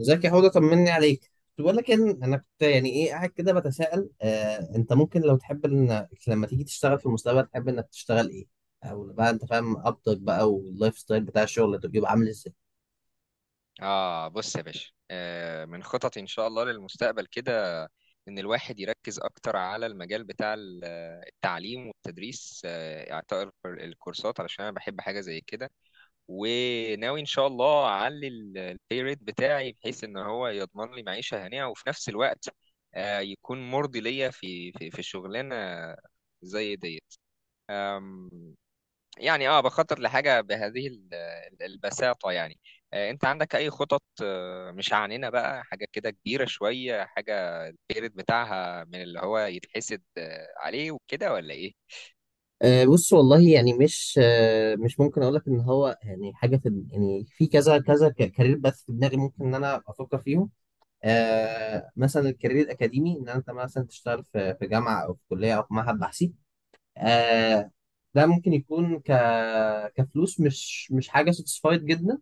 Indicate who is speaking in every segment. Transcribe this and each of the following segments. Speaker 1: ازيك يا حوضة؟ طمني عليك. كنت بقول لك ان انا كنت يعني ايه قاعد كده بتساءل، انت ممكن لو تحب ان لما تيجي تشتغل في المستقبل تحب انك تشتغل ايه؟ او بقى انت فاهم قبضك بقى، واللايف ستايل بتاع الشغل يبقى عامل ازاي؟
Speaker 2: بص يا باشا، من خططي إن شاء الله للمستقبل كده، إن الواحد يركز أكتر على المجال بتاع التعليم والتدريس، إعطاء الكورسات علشان أنا بحب حاجة زي كده. وناوي إن شاء الله أعلي البي ريت بتاعي بحيث إن هو يضمن لي معيشة هنية، وفي نفس الوقت يكون مرضي ليا في شغلانة زي ديت. يعني بخطط لحاجة بهذه البساطة يعني. انت عندك اي خطط؟ مش عنينا بقى حاجة كده كبيرة شوية، حاجة البيرد بتاعها من اللي هو يتحسد عليه وكده، ولا ايه؟
Speaker 1: بص، والله يعني مش ممكن اقول لك ان هو يعني حاجه في كذا كذا كارير بث في دماغي، ممكن ان انا افكر فيهم. مثلا الكارير الاكاديمي، ان انت مثلا تشتغل في جامعه، او في كليه، او في معهد بحثي. آه ده ممكن يكون كفلوس مش حاجه ساتسفايد جدا.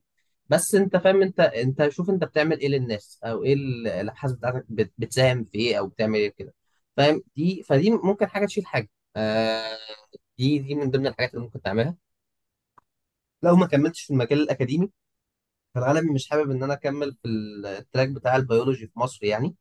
Speaker 1: بس انت فاهم، انت شوف انت بتعمل ايه للناس، او ايه الابحاث بتاعتك بتساهم في ايه، او بتعمل ايه كده. فاهم، فدي ممكن حاجه تشيل حاجه. آه دي من ضمن الحاجات اللي ممكن تعملها، لو ما كملتش في المجال الاكاديمي. فانا مش حابب ان انا اكمل في التراك بتاع البيولوجي في مصر يعني،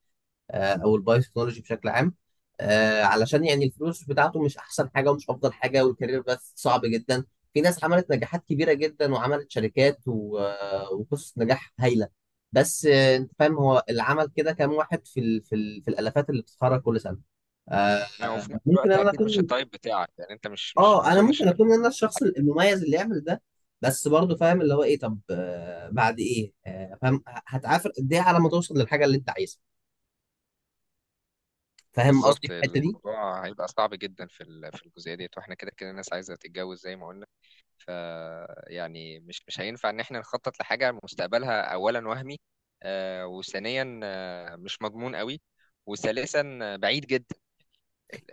Speaker 1: او البايو تكنولوجي بشكل عام. علشان يعني الفلوس بتاعته مش احسن حاجه، ومش افضل حاجه، والكارير بس صعب جدا. في ناس عملت نجاحات كبيره جدا، وعملت شركات وقصص نجاح هايله. بس، انت فاهم هو اللي عمل كده كام واحد في الالافات اللي بتتخرج كل سنه. آه،
Speaker 2: يعني وفي نفس
Speaker 1: ممكن
Speaker 2: الوقت
Speaker 1: انا
Speaker 2: اكيد مش
Speaker 1: اكون
Speaker 2: التايب بتاعك، يعني انت مش ما
Speaker 1: اه انا
Speaker 2: اظنش
Speaker 1: ممكن
Speaker 2: انك.
Speaker 1: اكون انا الشخص المميز اللي يعمل ده. بس برضه فاهم اللي هو ايه، طب بعد ايه، فاهم هتعافر قد ايه على ما توصل للحاجه اللي انت عايزها. فاهم قصدي
Speaker 2: بالظبط
Speaker 1: في الحته دي؟
Speaker 2: الموضوع هيبقى صعب جدا في في الجزئية ديت، واحنا كده كده الناس عايزة تتجوز زي ما قلنا. ف يعني مش هينفع ان احنا نخطط لحاجه مستقبلها اولا وهمي، وثانيا مش مضمون قوي، وثالثا بعيد جدا.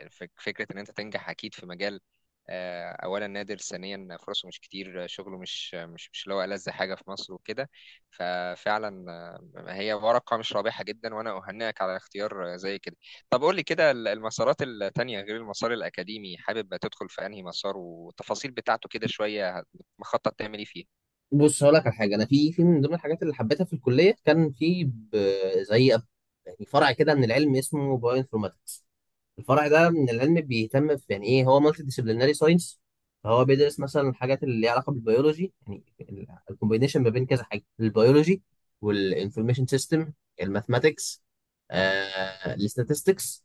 Speaker 2: فكرة إن أنت تنجح أكيد في مجال، أولا نادر، ثانيا فرصه مش كتير، شغله مش اللي هو ألذ حاجة في مصر وكده. ففعلا هي ورقة مش رابحة جدا، وأنا أهنئك على اختيار زي كده. طب قول لي كده المسارات التانية غير المسار الأكاديمي، حابب تدخل في أنهي مسار؟ والتفاصيل بتاعته كده شوية، مخطط تعمل إيه فيه؟
Speaker 1: بص، هقول لك على حاجه. انا في من ضمن الحاجات اللي حبيتها في الكليه، كان في زي أب- يعني فرع كده من العلم اسمه بايو انفورماتكس. الفرع ده من العلم بيهتم في، يعني ايه، هو مالتي ديسيبليناري ساينس. فهو بيدرس مثلا الحاجات اللي ليها علاقه بالبيولوجي. يعني الكومبينيشن ما بين كذا حاجه: البيولوجي، والانفورميشن سيستم، الماثماتكس، الاستاتستكس.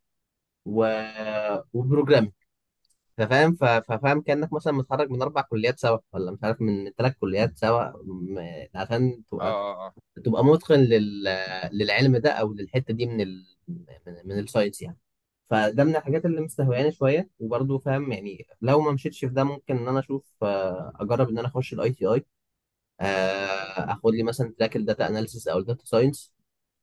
Speaker 1: فاهم. ففاهم كأنك مثلا متخرج من 4 كليات سوا، ولا مش عارف، من 3 كليات سوا، عشان
Speaker 2: آه
Speaker 1: تبقى
Speaker 2: آه آه
Speaker 1: تبقى متقن للعلم ده، أو للحتة دي من الساينس يعني. فده من الحاجات اللي مستهوياني شوية، وبرضه فاهم يعني لو ما مشيتش في ده، ممكن إن أنا أشوف، أجرب إن أنا أخش الأي تي أي. آخد لي مثلا تراك الداتا أناليسيس أو الداتا ساينس.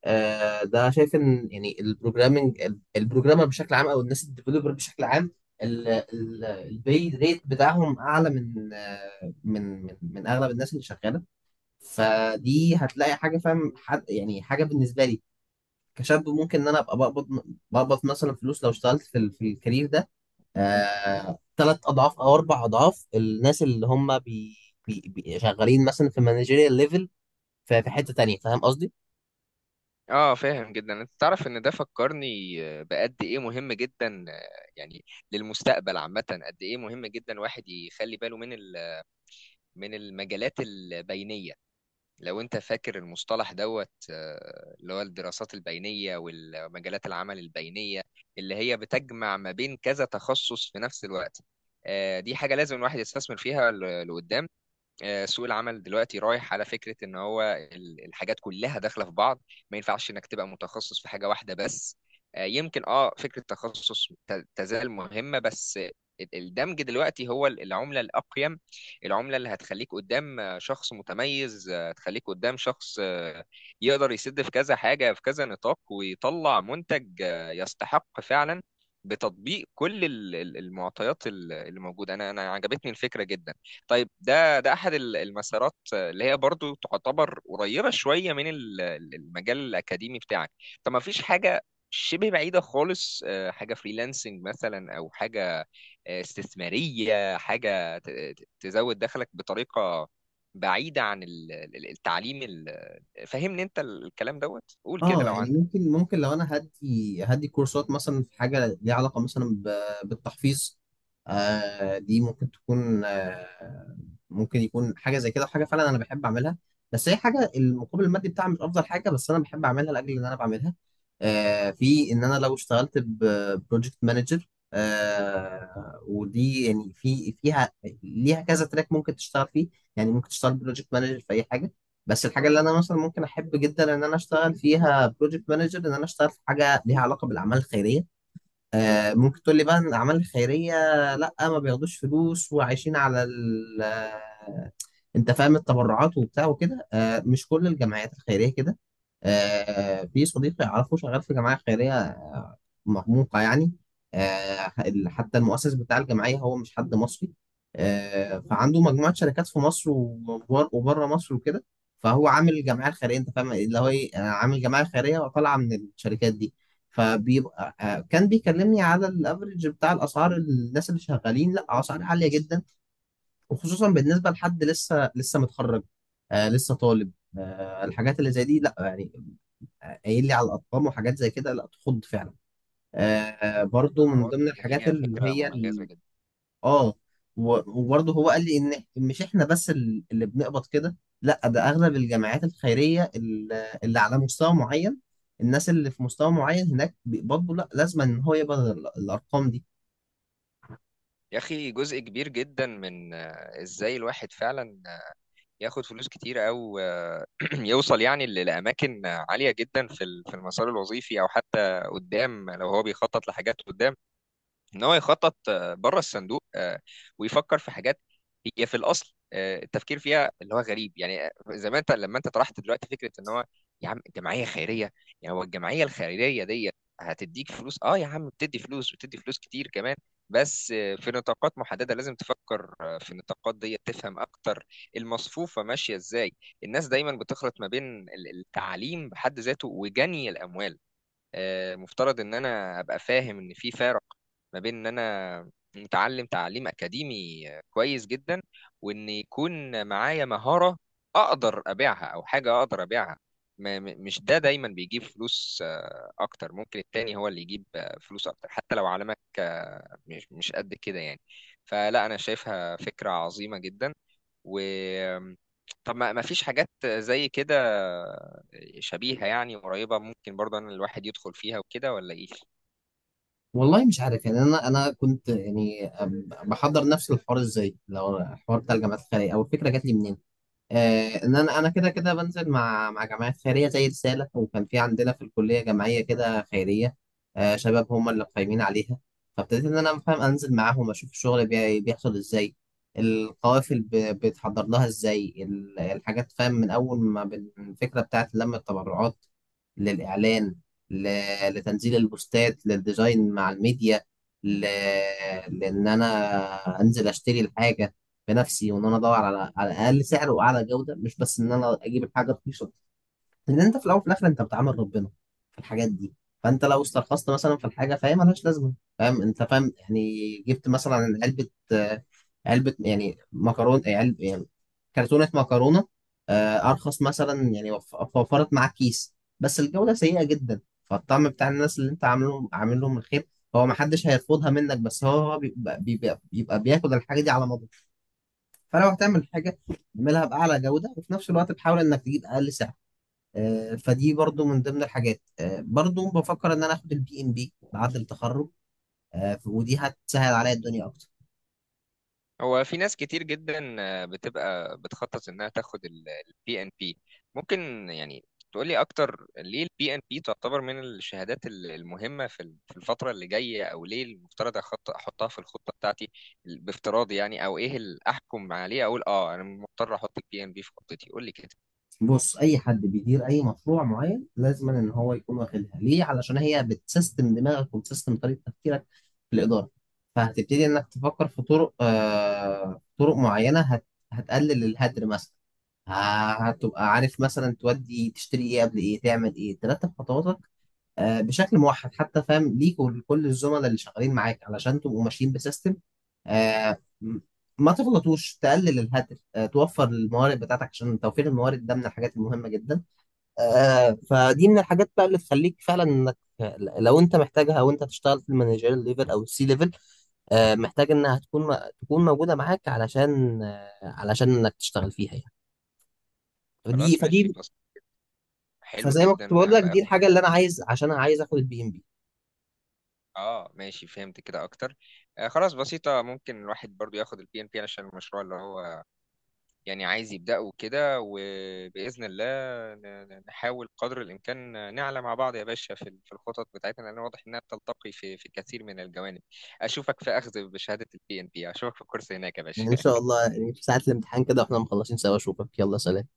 Speaker 1: ده شايف ان يعني البروجرامر بشكل عام، او الناس الديفلوبر بشكل عام، البي ريت بتاعهم اعلى من آه، من من من اغلب الناس اللي شغاله. فدي هتلاقي حاجه، فاهم، حد يعني حاجه بالنسبه لي كشاب، ممكن ان انا ابقى بقبض مثلا فلوس لو اشتغلت في الكارير ده. 3 اضعاف او 4 اضعاف الناس اللي هم بي بي بي شغالين مثلا في مانجيريال ليفل، في حته تانيه. فاهم قصدي؟
Speaker 2: اه فاهم جدا. انت تعرف ان ده فكرني بقد ايه مهم جدا، يعني للمستقبل عامه، قد ايه مهم جدا الواحد يخلي باله من من المجالات البينيه. لو انت فاكر المصطلح دوت اللي هو الدراسات البينيه والمجالات العمل البينيه، اللي هي بتجمع ما بين كذا تخصص في نفس الوقت. دي حاجه لازم الواحد يستثمر فيها لقدام. سوق العمل دلوقتي رايح على فكرة ان هو الحاجات كلها داخلة في بعض، ما ينفعش انك تبقى متخصص في حاجة واحدة بس. يمكن فكرة التخصص تزال مهمة، بس الدمج دلوقتي هو العملة الأقيم. العملة اللي هتخليك قدام شخص متميز، هتخليك قدام شخص يقدر يسد في كذا حاجة في كذا نطاق، ويطلع منتج يستحق فعلا بتطبيق كل المعطيات اللي موجودة. أنا عجبتني الفكرة جدا. طيب ده احد المسارات اللي هي برضو تعتبر قريبه شويه من المجال الاكاديمي بتاعك. طب ما فيش حاجه شبه بعيده خالص؟ حاجه فريلانسنج مثلا، او حاجه استثماريه، حاجه تزود دخلك بطريقه بعيده عن التعليم فهمني انت الكلام دوت، قول كده
Speaker 1: اه
Speaker 2: لو
Speaker 1: يعني،
Speaker 2: عندك.
Speaker 1: ممكن لو انا هدي كورسات مثلا في حاجه ليها علاقه مثلا بالتحفيظ. دي ممكن تكون آه ممكن يكون حاجه زي كده، وحاجه فعلا انا بحب اعملها. بس هي حاجه المقابل المادي بتاعها مش افضل حاجه، بس انا بحب اعملها لاجل ان انا بعملها. في ان انا لو اشتغلت ببروجكت مانجر، ودي يعني فيها ليها كذا تراك ممكن تشتغل فيه. يعني ممكن تشتغل بروجكت مانجر في اي حاجه. بس الحاجه اللي انا مثلا ممكن احب جدا ان انا اشتغل فيها بروجكت مانجر، ان انا اشتغل في حاجه ليها علاقه بالاعمال الخيريه. ممكن تقول لي بقى ان الاعمال الخيريه، لا ما بياخدوش فلوس وعايشين على ال آه، انت فاهم، التبرعات وبتاع وكده. مش كل الجمعيات الخيريه كده. في صديقي اعرفه، شغال في جمعيه خيريه مرموقة يعني. حتى المؤسس بتاع الجمعية هو مش حد مصري. فعنده مجموعة شركات في مصر، وبره مصر وكده. فهو عامل الجمعية الخيرية، أنت فاهم اللي هو إيه، عامل جمعية خيرية وطالعة من الشركات دي. فبيبقى آه، كان بيكلمني على الافريج بتاع الاسعار الناس اللي شغالين، لا، اسعار عاليه جدا، وخصوصا بالنسبه لحد لسه لسه متخرج، لسه طالب. الحاجات اللي زي دي، لا يعني، قايل لي على الارقام وحاجات زي كده لا تخض فعلا. برضو من
Speaker 2: واضح
Speaker 1: ضمن
Speaker 2: ان
Speaker 1: الحاجات
Speaker 2: هي
Speaker 1: اللي
Speaker 2: فكره
Speaker 1: هي
Speaker 2: مميزه جدا.
Speaker 1: اه وبرضو هو قال لي ان مش احنا بس اللي بنقبض كده، لا، ده اغلب الجمعيات الخيريه اللي على مستوى معين، الناس اللي في مستوى معين هناك بيقبضوا، لا، لازم ان هو يقبض الارقام دي.
Speaker 2: يا اخي جزء كبير جدا من ازاي الواحد فعلا ياخد فلوس كتير، او يوصل يعني لأماكن عالية جدا في في المسار الوظيفي، أو حتى قدام لو هو بيخطط لحاجات قدام، ان هو يخطط بره الصندوق، ويفكر في حاجات هي في الاصل التفكير فيها اللي هو غريب يعني. زي ما انت لما انت طرحت دلوقتي فكره ان هو يا عم جمعيه خيريه. يعني هو الجمعيه الخيريه دي هتديك فلوس؟ اه يا عم، بتدي فلوس، بتدي فلوس كتير كمان، بس في نطاقات محدده لازم تفكر في النطاقات دي تفهم اكتر المصفوفه ماشيه ازاي. الناس دايما بتخلط ما بين التعليم بحد ذاته وجني الاموال. مفترض ان انا ابقى فاهم ان في فارق ما بين ان انا متعلم تعليم اكاديمي كويس جدا، وان يكون معايا مهارة اقدر ابيعها، او حاجة اقدر ابيعها. مش ده دايما بيجيب فلوس، اكتر ممكن التاني هو اللي يجيب فلوس اكتر حتى لو علمك مش قد كده يعني. فلا، انا شايفها فكرة عظيمة جدا. و طب ما فيش حاجات زي كده شبيهة يعني قريبة، ممكن برضه ان الواحد يدخل فيها وكده، ولا ايه؟
Speaker 1: والله مش عارف، يعني انا كنت يعني، بحضر نفس الحوار ازاي، لو الحوار بتاع الجامعات الخيريه او الفكره جات لي منين. ان انا كده كده بنزل مع جمعيات خيريه زي رساله، وكان في عندنا في الكليه جمعيه كده خيريه، شباب هم اللي قايمين عليها. فابتديت ان انا افهم، انزل معاهم اشوف الشغل بيحصل ازاي، القوافل بيتحضر لها ازاي، الحاجات، فاهم، من اول ما الفكره بتاعت لم التبرعات، للاعلان، لتنزيل البوستات، للديزاين مع الميديا، ل- لان انا انزل اشتري الحاجه بنفسي، وان انا ادور على اقل سعر واعلى جوده، مش بس ان انا اجيب الحاجه رخيصه. لان انت في الاول وفي الاخر انت بتعامل ربنا في الحاجات دي، فانت لو استرخصت مثلا في الحاجه فهي ملهاش لازمه. فاهم، انت فاهم يعني جبت مثلا علبه آه، علبه، يعني مكرونه، علب يعني كرتونه مكرونه، ارخص مثلا يعني، وفرت معاك كيس، بس الجوده سيئه جدا. فالطعم بتاع الناس اللي انت عاملهم عامل لهم الخير، هو محدش هيرفضها منك، بس هو بيبقى بياكل الحاجه دي على مدار. فلو هتعمل حاجه، اعملها باعلى جوده، وفي نفس الوقت بحاول انك تجيب اقل سعر. فدي برضو من ضمن الحاجات. برضو بفكر ان انا اخد البي ام بي بعد التخرج، ودي هتسهل عليا الدنيا اكتر.
Speaker 2: هو في ناس كتير جدا بتبقى بتخطط انها تاخد البي ان بي. ممكن يعني تقولي اكتر ليه البي ان بي تعتبر من الشهادات المهمة في في الفترة اللي جاية، او ليه المفترض احطها في الخطة بتاعتي بافتراضي يعني؟ او ايه اللي احكم عليه اقول اه انا مضطر احط البي ان بي في خطتي؟ قولي كده.
Speaker 1: بص، اي حد بيدير اي مشروع معين، لازم ان هو يكون واخدها. ليه؟ علشان هي بتسيستم دماغك وبتسيستم طريقه تفكيرك في الاداره. فهتبتدي انك تفكر في طرق معينه، هتقلل الهدر مثلا، هتبقى عارف مثلا تودي تشتري ايه قبل ايه، تعمل ايه، ترتب خطواتك بشكل موحد، حتى فاهم ليك ولكل الزملاء اللي شغالين معاك، علشان تبقوا ماشيين بسيستم، آه، م- ما تغلطوش، تقلل الهدر، توفر الموارد بتاعتك، عشان توفير الموارد ده من الحاجات المهمة جدا. فدي من الحاجات بقى اللي تخليك فعلا، انك لو انت محتاجها وانت تشتغل في المانجيريال ليفل او السي ليفل، محتاج انها تكون موجودة معاك، علشان انك تشتغل فيها يعني. فدي
Speaker 2: خلاص ماشي،
Speaker 1: فدي
Speaker 2: حلو
Speaker 1: فزي ما
Speaker 2: جدا
Speaker 1: كنت بقول لك، دي
Speaker 2: باخد.
Speaker 1: الحاجة اللي انا عايز، عشان انا عايز اخد البي ام بي.
Speaker 2: اه ماشي، فهمت كده اكتر. آه خلاص بسيطة، ممكن الواحد برضو ياخد البي ان بي عشان المشروع اللي هو يعني عايز يبدأه كده، وبإذن الله نحاول قدر الإمكان نعلى مع بعض يا باشا في في الخطط بتاعتنا، لأن واضح إنها بتلتقي في في كثير من الجوانب. أشوفك في أخذ بشهادة البي ان بي، أشوفك في الكورس هناك يا باشا.
Speaker 1: يعني ان شاء الله، يعني في ساعة الامتحان كده واحنا مخلصين سوا اشوفك. يلا سلام.